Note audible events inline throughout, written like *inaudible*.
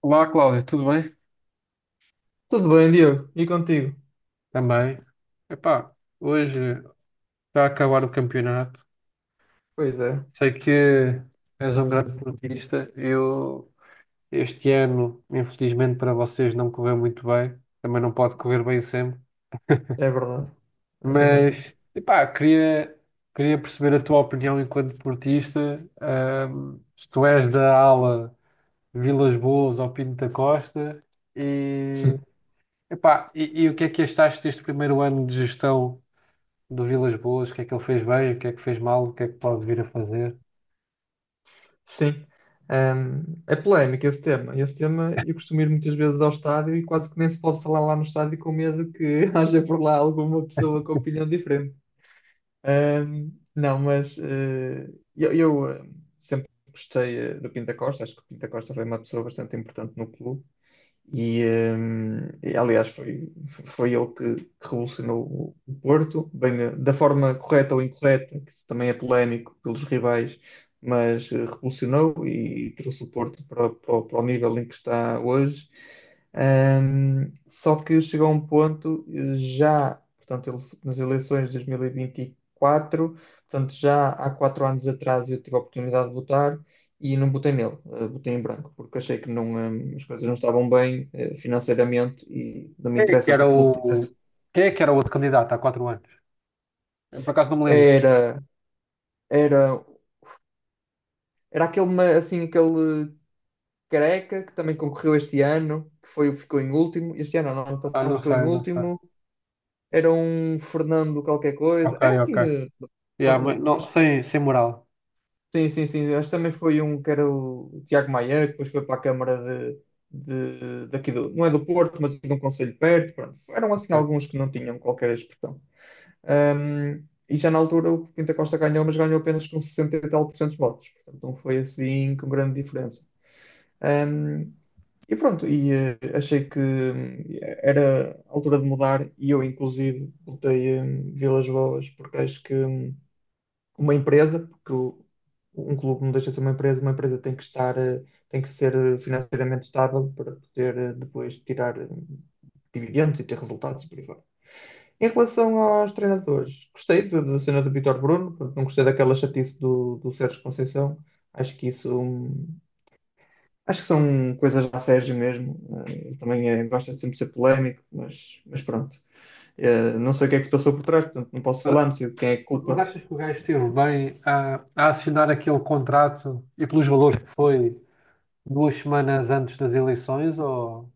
Olá, Cláudio, tudo bem? Tudo bem, Diogo? E contigo? Também. Epá, hoje está a acabar o campeonato. Pois é, Sei que és um grande portista. Eu, este ano, infelizmente para vocês, não correu muito bem. Também não pode correr bem sempre. é verdade. É verdade. Mas, epá, queria perceber a tua opinião enquanto portista. Se tu és da ala Vilas Boas ou Pinto da Costa. E, *laughs* epá, e o que é que achaste deste primeiro ano de gestão? Do Vilas Boas, o que é que ele fez bem, o que é que fez mal, o que é que pode vir a fazer. Sim. É polémico esse tema. Esse tema eu costumo ir muitas vezes ao estádio e quase que nem se pode falar lá no estádio com medo que *laughs* haja por lá alguma pessoa com opinião diferente. Não, mas eu sempre gostei do Pinta Costa. Acho que o Pinta Costa foi uma pessoa bastante importante no clube. E, aliás, foi ele que revolucionou o Porto, bem, da forma correta ou incorreta, que isso também é polémico pelos rivais, mas revolucionou e trouxe o Porto para, para o para o nível em que está hoje. Só que chegou a um ponto, nas eleições de 2024, portanto, já há 4 anos atrás eu tive a oportunidade de votar e não botei nele, botei em branco, porque achei que não, as coisas não estavam bem financeiramente e não me Quem é que interessa que o era clube o, tivesse. Quem é que era o outro candidato há 4 anos? Eu, por acaso não me lembro. Era, era, era aquele, assim, aquele careca que também concorreu este ano, que foi, o que ficou em último, este ano, não, ano Ah, passado não ficou em sei, não sei. último, era um Fernando qualquer coisa, Ok, era assim, ok. eh, não- Yeah, mas não- não, acho sem moral. Sim, sim, sim. Acho que também foi um que era o Tiago Maia, que depois foi para a Câmara de, daqui do, não é do Porto, mas de um concelho perto. Pronto. Eram assim Ok. alguns que não tinham qualquer expressão. Ahm, e já na altura o Pinta Costa ganhou, mas ganhou apenas com 60 e tal por cento dos votos. Portanto, não foi assim com grande diferença. Ahm, e pronto, achei que era a altura de mudar e eu, inclusive, votei em Vilas Boas, porque acho que uma empresa, um clube não deixa de ser uma empresa tem que estar, tem que ser financeiramente estável para poder depois tirar dividendos e ter resultados e por aí fora. Em relação aos treinadores, gostei da cena do Vítor Bruno, portanto, não gostei daquela chatice do Sérgio Conceição. Acho que isso, acho que são coisas da Sérgio mesmo. Ele também gosta de sempre ser polémico, mas pronto. Não sei o que é que se passou por trás, portanto, não posso falar, Mas não sei de quem é a mas culpa. achas que o gajo esteve bem a assinar aquele contrato e pelos valores que foi 2 semanas antes das eleições? Ou.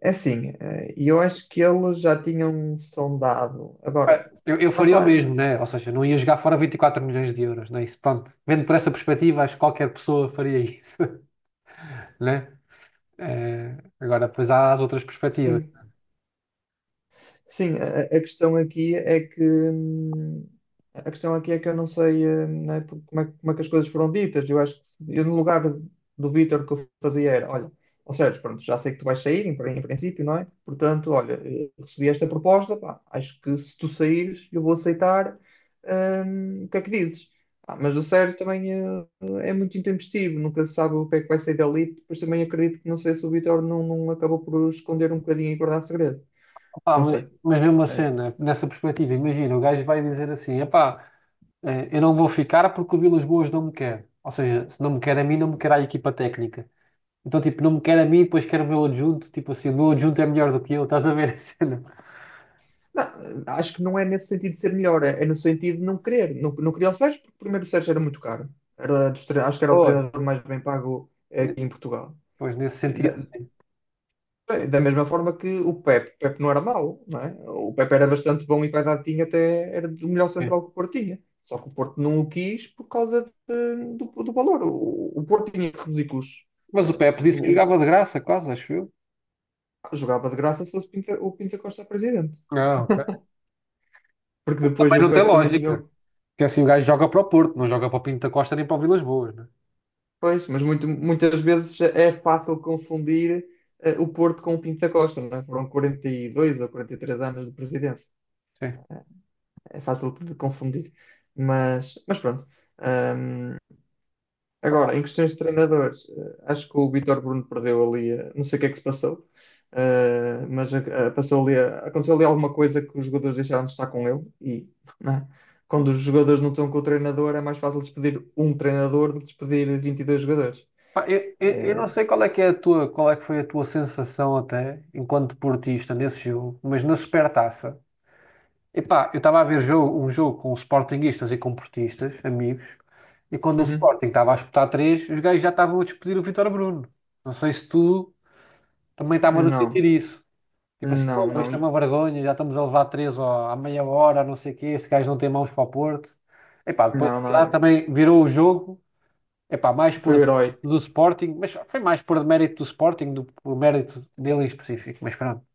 É assim, e eu acho que eles já tinham sondado. Agora, Pá, eu lá faria o está, mesmo, né? Ou seja, não ia jogar fora 24 milhões de euros, né? Isso, pronto. Vendo por essa perspectiva, acho que qualquer pessoa faria isso, *laughs* né? É, agora, depois há as outras perspectivas. sim. Sim, a questão aqui é que a questão aqui é que eu não sei né, como é que as coisas foram ditas. Eu acho que eu no lugar do Vítor o que eu fazia era, olha, ou seja, pronto, já sei que tu vais sair, em, em princípio, não é? Portanto, olha, recebi esta proposta, pá, acho que se tu saíres, eu vou aceitar. O que é que dizes? Ah, mas o Sérgio também é muito intempestivo, nunca se sabe o que é que vai sair dali. Depois também acredito que não sei se o Vítor não acabou por esconder um bocadinho e guardar segredo. Opá, Não mas, sei. mas mesmo assim, É, né, nessa perspectiva, imagina, o gajo vai dizer assim: epá, eu não vou ficar porque o Vilas Boas não me quer. Ou seja, se não me quer a mim, não me quer a equipa técnica. Então, tipo, não me quer a mim, depois quer o meu adjunto. Tipo assim, o meu adjunto é melhor do que eu, estás a ver a *laughs* cena? não, acho que não é nesse sentido de ser melhor, é no sentido de não querer. Não, não queria o Sérgio, porque primeiro o Sérgio era muito caro. Era acho que era o Pois. treinador mais bem pago aqui em Portugal. Pois, nesse E sentido. da, Da mesma forma que o Pepe. O Pepe não era mau, não é? O Pepe era bastante bom e para a idade tinha até era do melhor É. central que o Porto tinha. Só que o Porto não o quis por causa do valor. O Porto tinha que reduzir custos, Mas o eh, Pepe porque disse que o- jogava de graça, quase, acho eu. jogava de graça se fosse o Pinta Costa presidente. Ah, ok. Porque depois Também o não tem Pepe também tinha. lógica. Porque assim, o gajo joga para o Porto, não joga para o Pinto da Costa nem para o Vilas Boas, né? Pois, mas muitas vezes é fácil confundir o Porto com o Pinto da Costa, não é? Foram 42 ou 43 anos de presidência. Sim. É fácil de confundir. Mas pronto. Ahm, Agora, em questões de treinadores, acho que o Vítor Bruno perdeu ali, não sei o que é que se passou, passou ali, aconteceu ali alguma coisa que os jogadores deixaram de estar com ele e, não é? Quando os jogadores não estão com o treinador, é mais fácil despedir um treinador do que despedir 22 jogadores. Pá, eu não Eh, sei qual é que é a tua, qual é que foi a tua sensação até enquanto portista nesse jogo, mas na Supertaça. Epá, eu estava a ver um jogo com sportinguistas e com portistas, amigos, e quando o Uhum. Sporting estava a espetar três, os gajos já estavam a despedir o Vítor Bruno. Não sei se tu também estavas a sentir Não, isso. Tipo assim, pô, não, não, isto é uma e- vergonha, já estamos a levar três ó, à meia hora, não sei o quê, este gajo não tem mãos para o Porto. Epá, depois a não, verdade não. também virou o jogo. Epá, mais Foi por o herói. do Sporting, mas foi mais por mérito do Sporting do que por mérito dele em específico, mas pronto.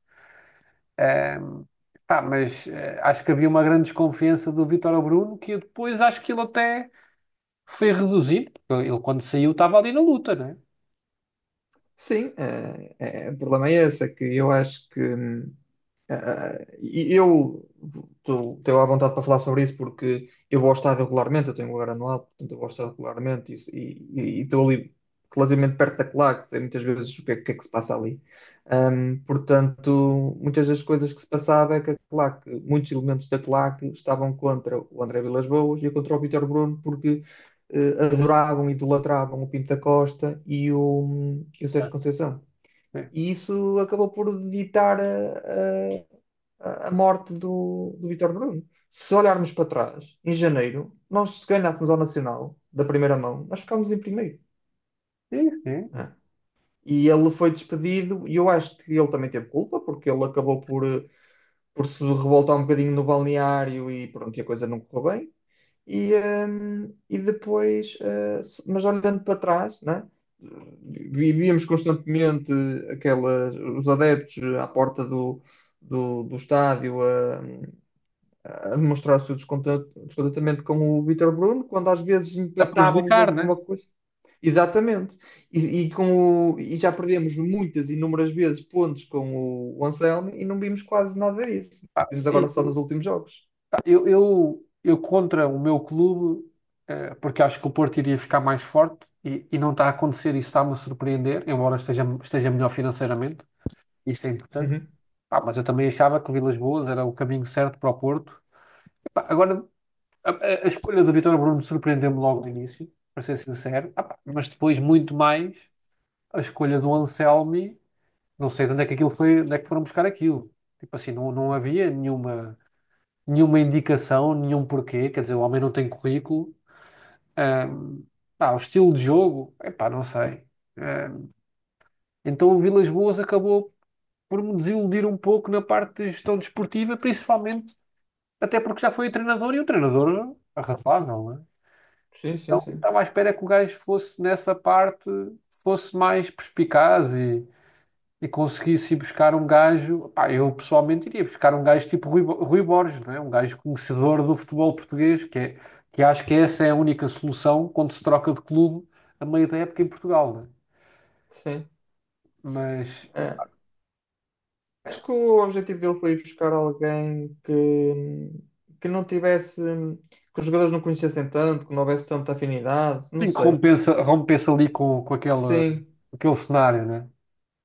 Ahm, pá, mas acho que havia uma grande desconfiança do Vítor ao Bruno, que eu depois acho que ele até foi reduzido, porque ele quando saiu estava ali na luta, né? Sim, o problema é esse, é que eu acho que ah, e eu estou à vontade para falar sobre isso porque eu vou ao estádio regularmente, eu tenho um anual, portanto eu vou ao estádio regularmente e estou ali relativamente perto da claque, sei muitas vezes o que é que se passa ali. Portanto, muitas das coisas que se passava é que a claque, muitos elementos da claque estavam contra o André Vilas-Boas e contra o Vítor Bruno porque adoravam e idolatravam o Pinto da Costa e o Sérgio Conceição. E isso acabou por ditar a morte do Vítor Bruno. Se olharmos para trás, em janeiro, nós se ganhássemos ao Nacional, da primeira mão, nós ficámos em primeiro, Sim, sim. né? E ele foi despedido, e eu acho que ele também teve culpa, porque ele acabou por, por se revoltar um bocadinho no balneário e pronto, e a coisa não correu bem. E, ehm, e depois, eh, mas olhando para trás, né? vi- Constantemente aquelas, os adeptos à porta do estádio a demonstrar o seu descontentamento com o Vítor Bruno, quando às vezes A empatávamos prejudicar, ou por né? uma coisa. Exatamente. E com e já perdemos muitas, inúmeras vezes pontos com o Anselmo e não vimos quase nada disso. Pá, Vimos agora sim, só nos últimos jogos. pá, eu contra o meu clube, porque acho que o Porto iria ficar mais forte e não está a acontecer, isso está-me a surpreender, embora esteja melhor financeiramente, isso é importante. Uhum. Ah, mas eu também achava que o Vilas Boas era o caminho certo para o Porto. Epá, agora, a escolha do Vítor Bruno surpreendeu-me logo no início, para ser sincero. Ah, pá, mas depois, muito mais, a escolha do Anselmi, não sei de onde é que aquilo foi, onde é que foram buscar aquilo. Tipo assim, não, não havia nenhuma indicação, nenhum porquê. Quer dizer, o homem não tem currículo. Ahm, Pá, o estilo de jogo, epá, não sei. Ah, então o Vilas Boas acabou por me desiludir um pouco na parte de gestão desportiva, principalmente. Até porque já foi o treinador e o treinador arrasável, não é? Sim, sim, Então sim. estava à espera que o gajo fosse nessa parte, fosse mais perspicaz e conseguisse ir buscar um gajo. Pá, eu pessoalmente iria buscar um gajo tipo Rui Borges, não é? Um gajo conhecedor do futebol português, que, é, que acho que essa é a única solução quando se troca de clube a meio da época em Portugal, não é? Sim. Mas É. Acho que o objetivo dele foi ir buscar alguém que não tivesse, que os jogadores não conhecessem tanto, que não houvesse tanta afinidade, não sim, que sei. rompensa ali com aquele, Sim. aquele cenário, né?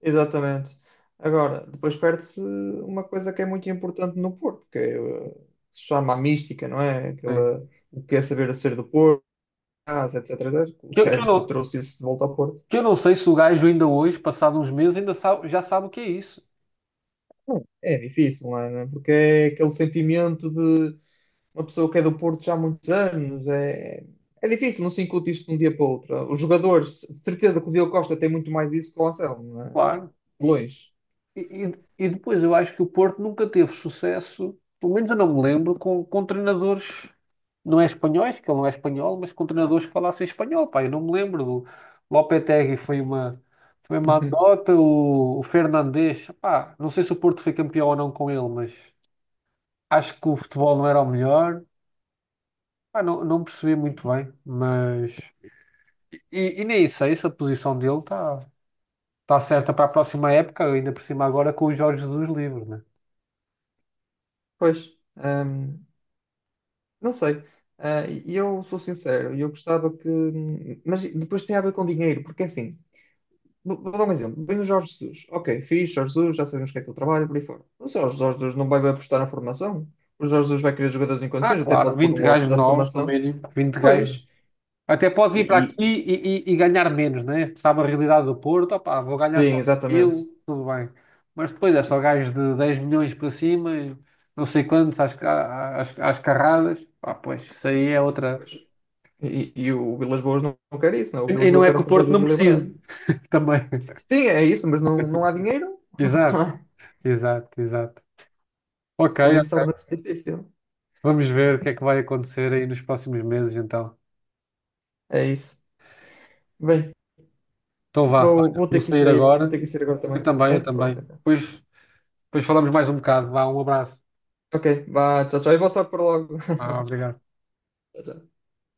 Exatamente. Agora, depois perde-se uma coisa que é muito importante no Porto, que é, se chama a mística, não é? Aquela, Sim. o que é saber ser do Porto, casa, etc, etc. O Que eu Sérgio não. trouxe isso de volta ao Porto. Que eu não sei se o gajo ainda hoje, passado uns meses, ainda já sabe o que é isso. Não, é difícil, não é? Porque é aquele sentimento de uma pessoa que é do Porto já há muitos anos. É, é difícil, não se incute isto de um dia para o outro. Os jogadores, de certeza que o Diogo Costa tem muito mais isso que o Anselmo, não é? De Claro. E, longe. e depois eu acho que o Porto nunca teve sucesso, pelo menos eu não me lembro, com treinadores, não é espanhóis, que ele não é espanhol, mas com treinadores que falassem espanhol. Pá, eu não me lembro. O Lopetegui foi uma *laughs* anedota, o Fernandes, pá, não sei se o Porto foi campeão ou não com ele, mas acho que o futebol não era o melhor. Pá, não, não percebi muito bem, mas. E nem sei se a posição dele está certa para a próxima época, ainda por cima agora com o Jorge Jesus livre, né? Pois. hum, Não sei. Ah, e eu sou sincero, e eu gostava que. Mas depois tem a ver com dinheiro, porque assim, vou dar um exemplo. Vem o Jorge Jesus. Ok, fixe, Jorge Jesus, já sabemos o que é que ele trabalha, por aí fora. Mas o Jorge Jesus não vai apostar na formação. O Jorge Jesus vai querer jogadores em Ah, condições, até claro, pode pôr 20 um ou outro gajos da novos no formação. mínimo, 20 gajos. Pois. Até pode E, vir para e- aqui e ganhar menos, né? Sabe a realidade do Porto, opá, vou ganhar só sim, exatamente. aquilo, tudo bem. Mas depois é só gajos de 10 milhões para cima, e não sei quantos, às carradas. Pá, pois, isso aí é outra. Pois. E o Vilas Boas não quer isso, não. O E Vilas e não Boas é quer que um o projeto Porto não equilibrado. precise também. *laughs* Sim, é isso, mas não, não há dinheiro. Exato, *laughs* exato, exato. Ok, Por isso torna-se difícil. vamos ver o que é que vai acontecer aí nos próximos meses, então. É isso. Bem. Então vá, olha, Vou vou ter que sair sair. Vou agora. ter que sair agora Eu também. também, É? eu também. Pronto, então. depois, falamos mais um bocado. Vá, um abraço. Ok, vá, tchau, tchau. E vou só por logo. *laughs* Ah, obrigado. Tchau, tchau.